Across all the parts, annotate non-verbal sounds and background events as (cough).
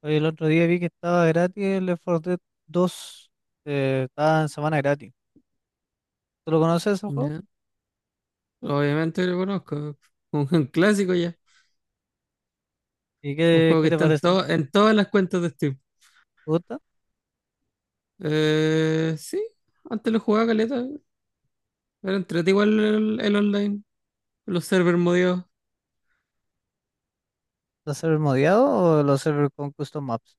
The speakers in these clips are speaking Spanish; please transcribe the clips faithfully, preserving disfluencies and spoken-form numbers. Oye, el otro día vi que estaba gratis el Left cuatro Dead dos. Eh, estaba en semana gratis. ¿Tú lo conoces ese juego? Ya. Obviamente lo conozco. Un, un clásico ya. ¿Y Un qué, juego qué que te está en, parece? ¿Te to- en todas las cuentas de Steam. gusta? Eh, sí, antes lo jugaba caleta. Era entrete igual el, el online. Los servers modeados. ¿Los servers modiados o los servers con custom maps?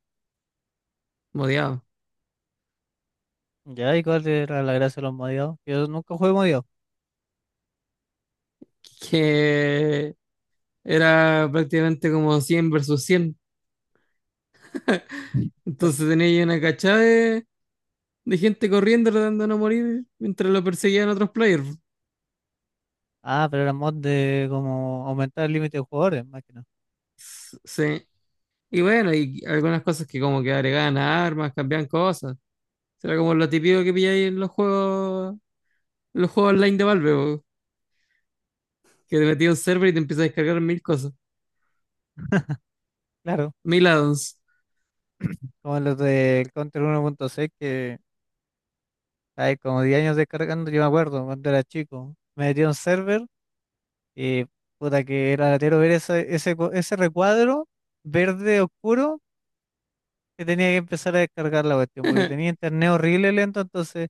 Modeados. (laughs) Ya, ¿y cuál era la gracia de los modiados? Yo nunca jugué modiado. Que era prácticamente como cien versus cien. Claro. Entonces tenía ahí una cachada de, de gente corriendo tratando de no morir mientras lo perseguían otros players. Ah, pero era mod de como aumentar el límite de jugadores, más que nada. S- Sí. Y bueno, y algunas cosas que como que agregaban armas, cambiaban cosas. Será como lo típico que pilláis en los juegos, en los juegos online de Valve, po, que te metí a un server y te empiezas a descargar mil cosas, Claro, mil addons. como los del Counter uno punto seis que hay como diez años descargando, yo me acuerdo cuando era chico. Me metí a un server y puta que era latero ver ese, ese, co- ese recuadro verde oscuro que tenía que empezar a descargar la cuestión, porque tenía (laughs) internet horrible lento, entonces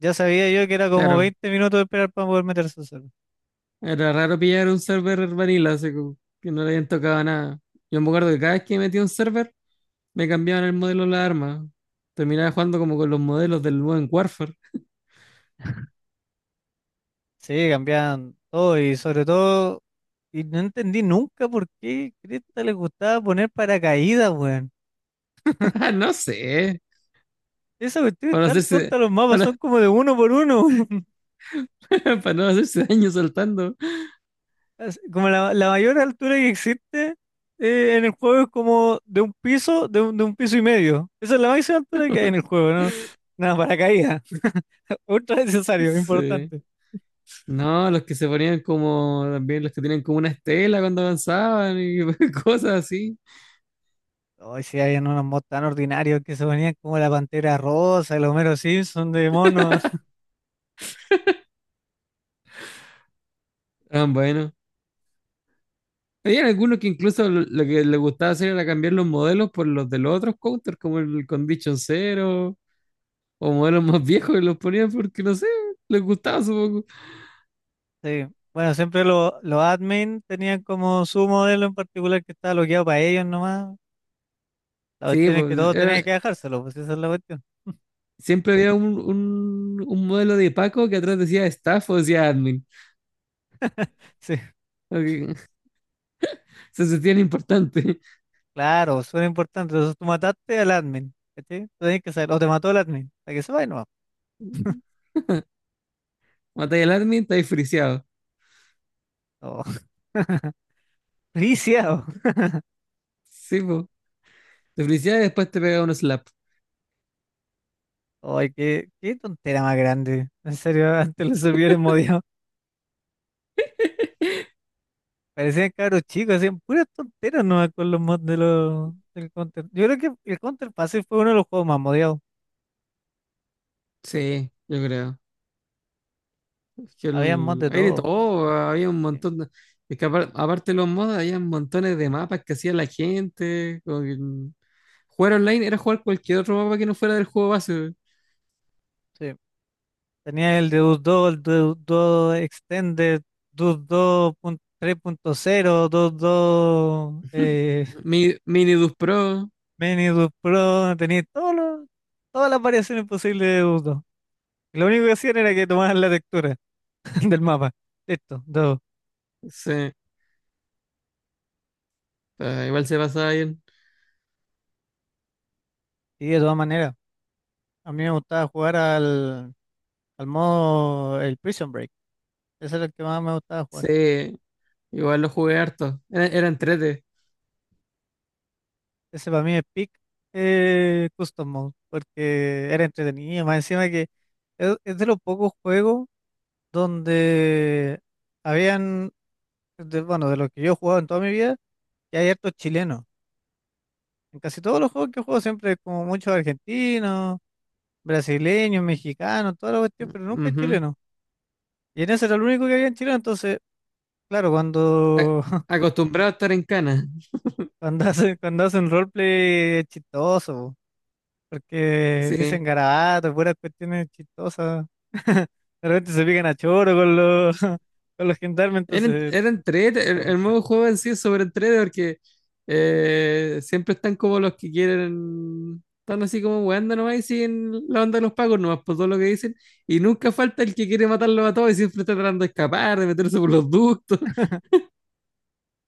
ya sabía yo que era como Claro, veinte minutos de esperar para poder meterse al server. era raro pillar un server vanilla, así como que no le habían tocado nada. Yo me acuerdo que cada vez que metía un server, me cambiaban el modelo de la arma. Terminaba jugando como con los modelos del nuevo en Warfare. (laughs) Sí, cambiaban todo y sobre todo, y no entendí nunca por qué Cresta les gustaba poner paracaídas, weón. Ah, no sé, Esa cuestión es para tan hacerse, tonta, los mapas para, son como de uno por uno. (laughs) para no hacerse daño saltando. Así- como la, la mayor altura que existe eh, en el juego es como de un piso, de un, de un piso y medio. Esa es la máxima altura que hay en el juego, ¿no? Nada, paracaídas. (laughs) Ultra necesario, Sí. importante. No, los que se ponían como, también los que tenían como una estela cuando avanzaban y (laughs) cosas así. Hoy sí habían unos mods tan ordinarios que se ponían como la Pantera Rosa, el Homero Simpson de monos. (laughs) Ah, bueno. Había algunos que incluso lo, lo que les gustaba hacer era cambiar los modelos por los de los otros counters, como el Condition Zero, o modelos más viejos que los ponían porque, no sé, les gustaba supongo. Sí. Bueno, siempre lo- los admin tenían como su modelo en particular que estaba bloqueado para ellos nomás. La Sí, cuestión es que pues todos tenían era- que dejárselo, pues esa es la cuestión. siempre había un, un, un modelo de Paco que atrás decía staff o decía admin. (laughs) Porque (laughs) se sentían importantes. Claro, son importantes. Entonces tú mataste al admin, ¿cachai? Tú tenés que saber, o te mató el admin, para que se y no. (laughs) Matáis al admin, estáis friseado. Oh. (laughs) Viciado. Sí, pues. Te friseas y después te pega un slap. Ay, qué, qué tontera más grande. En serio, (laughs) antes los servidores modiados parecían cabros chicos, hacían puras tonteras nomás con los mods de los, del Counter. Yo creo que el Counter Pacific fue uno de los juegos más modiados. Sí, yo creo. Es que Había mods el... de hay de todo. todo, había un Sí, montón de... es que apar- aparte de los mods, había montones de mapas que hacía la gente, como que, mm, jugar online era jugar cualquier otro mapa que no fuera del juego base. sí. Tenía el Deus dos, el Deus dos Extended, Deus dos punto tres punto cero, Deus dos. (laughs) Mi, Minidus Pro, Mini Dude Pro, tenía todos los- todas las variaciones posibles de Udo. Lo único que hacían era que tomaban la textura (laughs) del mapa. Listo, todo. sí, ah, igual se pasaba bien. Y de todas maneras, a mí me gustaba jugar al, al modo, el Prison Break. Ese era el que más me gustaba jugar. Sí, igual lo jugué harto. Era, era entrete. Ese para mí es peak eh, custom mode, porque era entretenido. Más encima que es, es de los pocos juegos donde habían, de- bueno, de los que yo he jugado en toda mi vida, que hay hartos chilenos. En casi todos los juegos que juego siempre es como muchos argentinos, brasileños, mexicanos, toda la cuestión, pero nunca es Ujú. chileno. Y en ese era el único que había en Chile, entonces, claro, A- cuando, (laughs) Acostumbrado a estar en cana. cuando hacen, cuando hacen roleplay es chistoso, porque Sí. dicen garabatos, puras cuestiones chistosas. (laughs) De repente se pican a choro con los, (laughs) con los gendarmes, Era, en- entonces, era entrete, el, el modo de juego en sí es sobre entrete porque eh, siempre están como los que quieren, están así como weando nomás y siguen la onda de los pagos nomás por todo lo que dicen. Y nunca falta el que quiere matarlos a todos y siempre está tratando de escapar, de meterse por los ductos.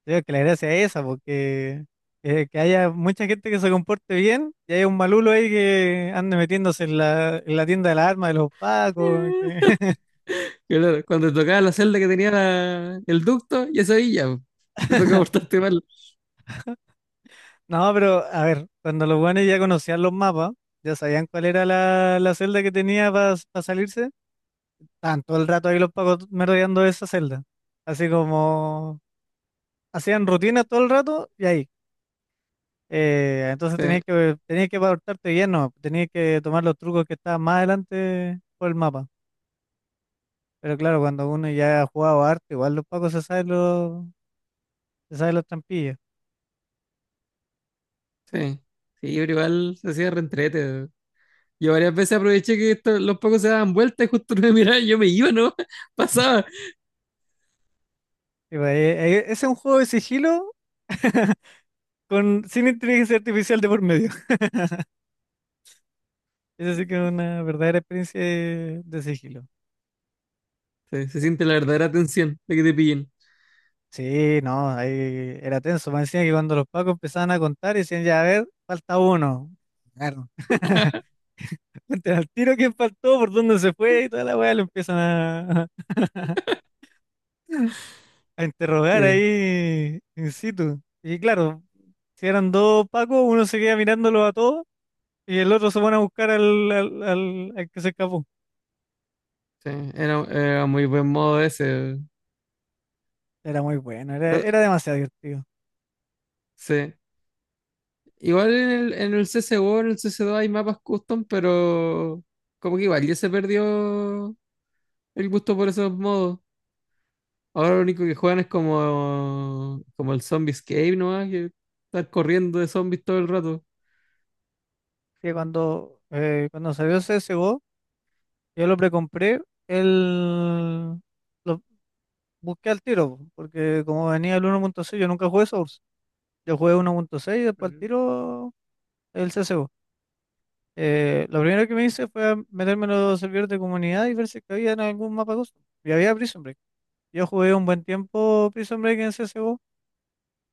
creo que la gracia es esa, porque eh, que haya mucha gente que se comporte bien y haya un malulo ahí que ande metiéndose en la, en la tienda de las armas de los pacos. Que- (laughs) (laughs) Claro, cuando te tocaba la celda que tenía la- el ducto, ya sabía, po. Te tocaba portarte mal. no, pero a ver, cuando los buenos ya conocían los mapas, ya sabían cuál era la, la celda que tenía para salirse, estaban todo el rato ahí los pacos merodeando esa celda. Así como hacían rutinas todo el rato y ahí. Eh, entonces tenías Sí, que, tenías que portarte bien, no, tenías que tomar los trucos que estaban más adelante por el mapa. Pero claro, cuando uno ya ha jugado harto, igual los pacos se saben los, se saben los trampillas. sí. Sí, pero igual se hacía reentrete. Yo varias veces aproveché que esto- los pocos se daban vueltas y justo (laughs) no me miraban, yo me iba, ¿no? (laughs) Pasaba. Y pues, eh, eh, ese es un juego de sigilo (laughs) con, sin inteligencia artificial de por medio. (laughs) Eso sí que es una verdadera experiencia de, de sigilo. Sí, se siente la verdadera tensión de que te pillen. Sí, no, ahí era tenso. Me decían que cuando los pacos empezaban a contar, decían, ya, a ver, falta uno. Claro. (laughs) Cuenten al tiro quién faltó, por dónde se fue y toda la weá, lo empiezan a, (laughs) a interrogar Sí, ahí in situ. Y claro, si eran dos Pacos, uno se queda mirándolos a todos y el otro se pone a buscar al, al, al- al que se escapó. sí, era, era muy buen modo ese. Era muy bueno, era, Eh, era demasiado divertido. Sí. Igual en el, en el C S G O, en el C S dos hay mapas custom, pero como que igual ya se perdió el gusto por esos modos. Ahora lo único que juegan es como, como el Zombie Escape, ¿no? Que estar corriendo de zombies todo el rato. Sí, cuando, eh, cuando salió el C S G O, yo lo precompré, el... lo busqué al tiro, po, porque como venía el uno punto seis, yo nunca jugué Source. Yo jugué uno punto seis y después al Ujú, tiro el C S G O. Eh, lo primero que me hice fue meterme en los servidores de comunidad y ver si es que había en algún mapa custom. Y había Prison Break. Yo jugué un buen tiempo Prison Break en C S G O.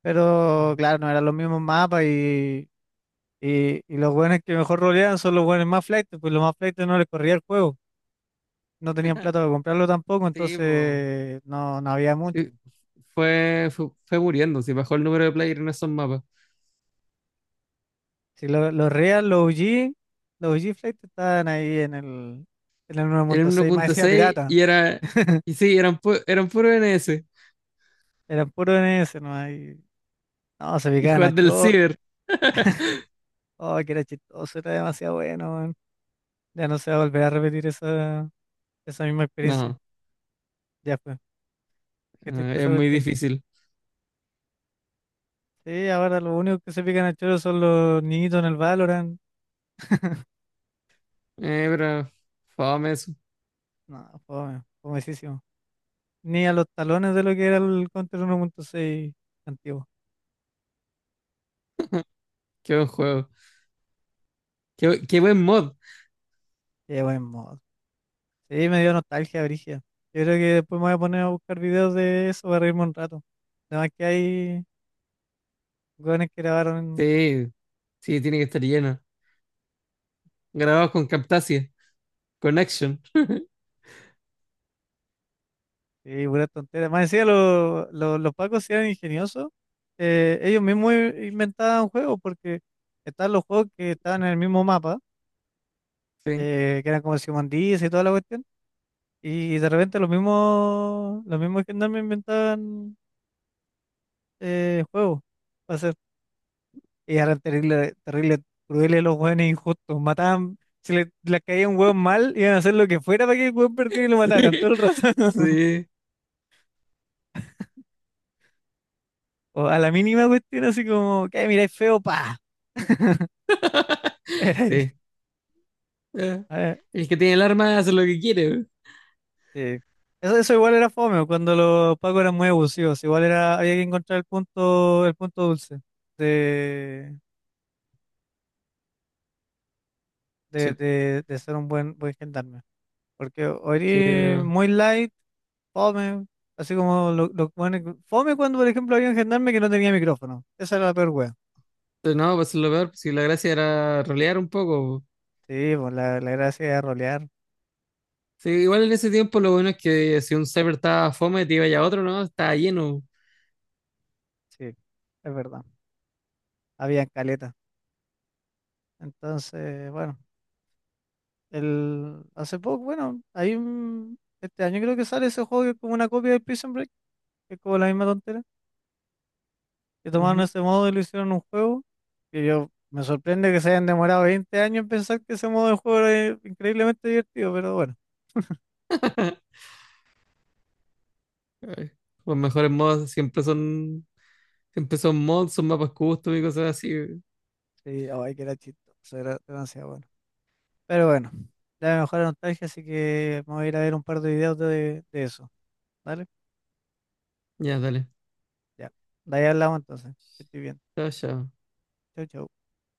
Pero ujú. Ujú. claro, no eran los mismos mapas y, y, y los buenos que mejor roleaban son los buenos más flaites, pues los más flaites no les corría el juego, no tenían plata para comprarlo tampoco, Sí, po. entonces no, no había mucho. fue, fue, fue muriendo, si bajó el número de players en esos mapas. Si lo- los real, los O g los O g flaites estaban ahí en el, en el uno Era punto uno seis más punto decía seis pirata, y era. (laughs) Y sí, eran, pu- eran puro N s. eran puros en ese no hay, no, se Y picaban jugar a del chor, Ciber. oh, que era chistoso, era demasiado bueno, weón. Ya no se va a volver a repetir esa, esa misma experiencia, No, ya fue, qué eh, triste esa es muy cuestión. difícil. Sí, ahora lo único que se pican a choro son los niñitos en el Valorant. Eh, pero. Fame eso. No, fome, fomesísimo. Ni a los talones de lo que era el Counter uno punto seis antiguo. Qué buen juego. Qué, bu- qué buen mod. Qué buen modo. Sí, me dio nostalgia, Brigia. Yo creo que después me voy a poner a buscar videos de eso para reírme un rato. Además que hay jóvenes que grabaron Sí, sí, tiene que estar lleno. Grabado con Camtasia. Con Action. y pura tontera. Más decía, los, los, los pacos sí eran ingeniosos. Eh, ellos mismos i- inventaban juegos porque estaban los juegos que estaban en el mismo mapa, Sí. eh, que eran como el Simón Dice y toda la cuestión. Y de repente los mismos, los mismos gendarmes inventaban eh, juegos para hacer. Y eran terrible, terrible, crueles los hueones injustos. Mataban, si le, les caía un hueón mal, iban a hacer lo que fuera para que el hueón perdiera y (laughs) lo mataran Sí. todo el rato. (laughs) Sí. O a la mínima cuestión, así como, que miráis feo, pa. (laughs) Era ahí. Sí. Eh, A ver, el que tiene el arma hace lo que quiere. sí. Eso, eso igual era fome, cuando los pacos eran muy abusivos. Igual era, había que encontrar el punto, el punto dulce de, de, Sí. de, de ser un buen, buen gendarme. Porque o Sí, eres muy light, fome, así como lo, lo bueno que- fome cuando, por ejemplo, había un gendarme que no tenía micrófono. Esa era la peor wea. pero no, pues lo peor, si la gracia era rolear un poco. Sí, pues la, la gracia era rolear. Sí, igual en ese tiempo lo bueno es que si un server estaba fome, te iba ya a otro, ¿no? Estaba lleno. Sí, es verdad. Había caleta. Entonces, bueno, el, hace poco, bueno, hay un, este año creo que sale ese juego que es como una copia de Prison Break, que es como la misma tontera, que tomaron Ujú. ese modo y lo hicieron un juego, que yo me sorprende que se hayan demorado veinte años en pensar que ese modo de juego era increíblemente divertido, pero bueno. Ay, los mejores mods siempre son, siempre son mods, son mapas custom y cosas así. Sí, ay, que era chistoso, era demasiado bueno. Pero bueno, ya me mejor la nostalgia, así que vamos a ir a ver un par de videos de, de eso. ¿Vale? Ya, dale. Ya. De ahí hablamos entonces. Que estoy bien. Chao, chao. Chau, chau.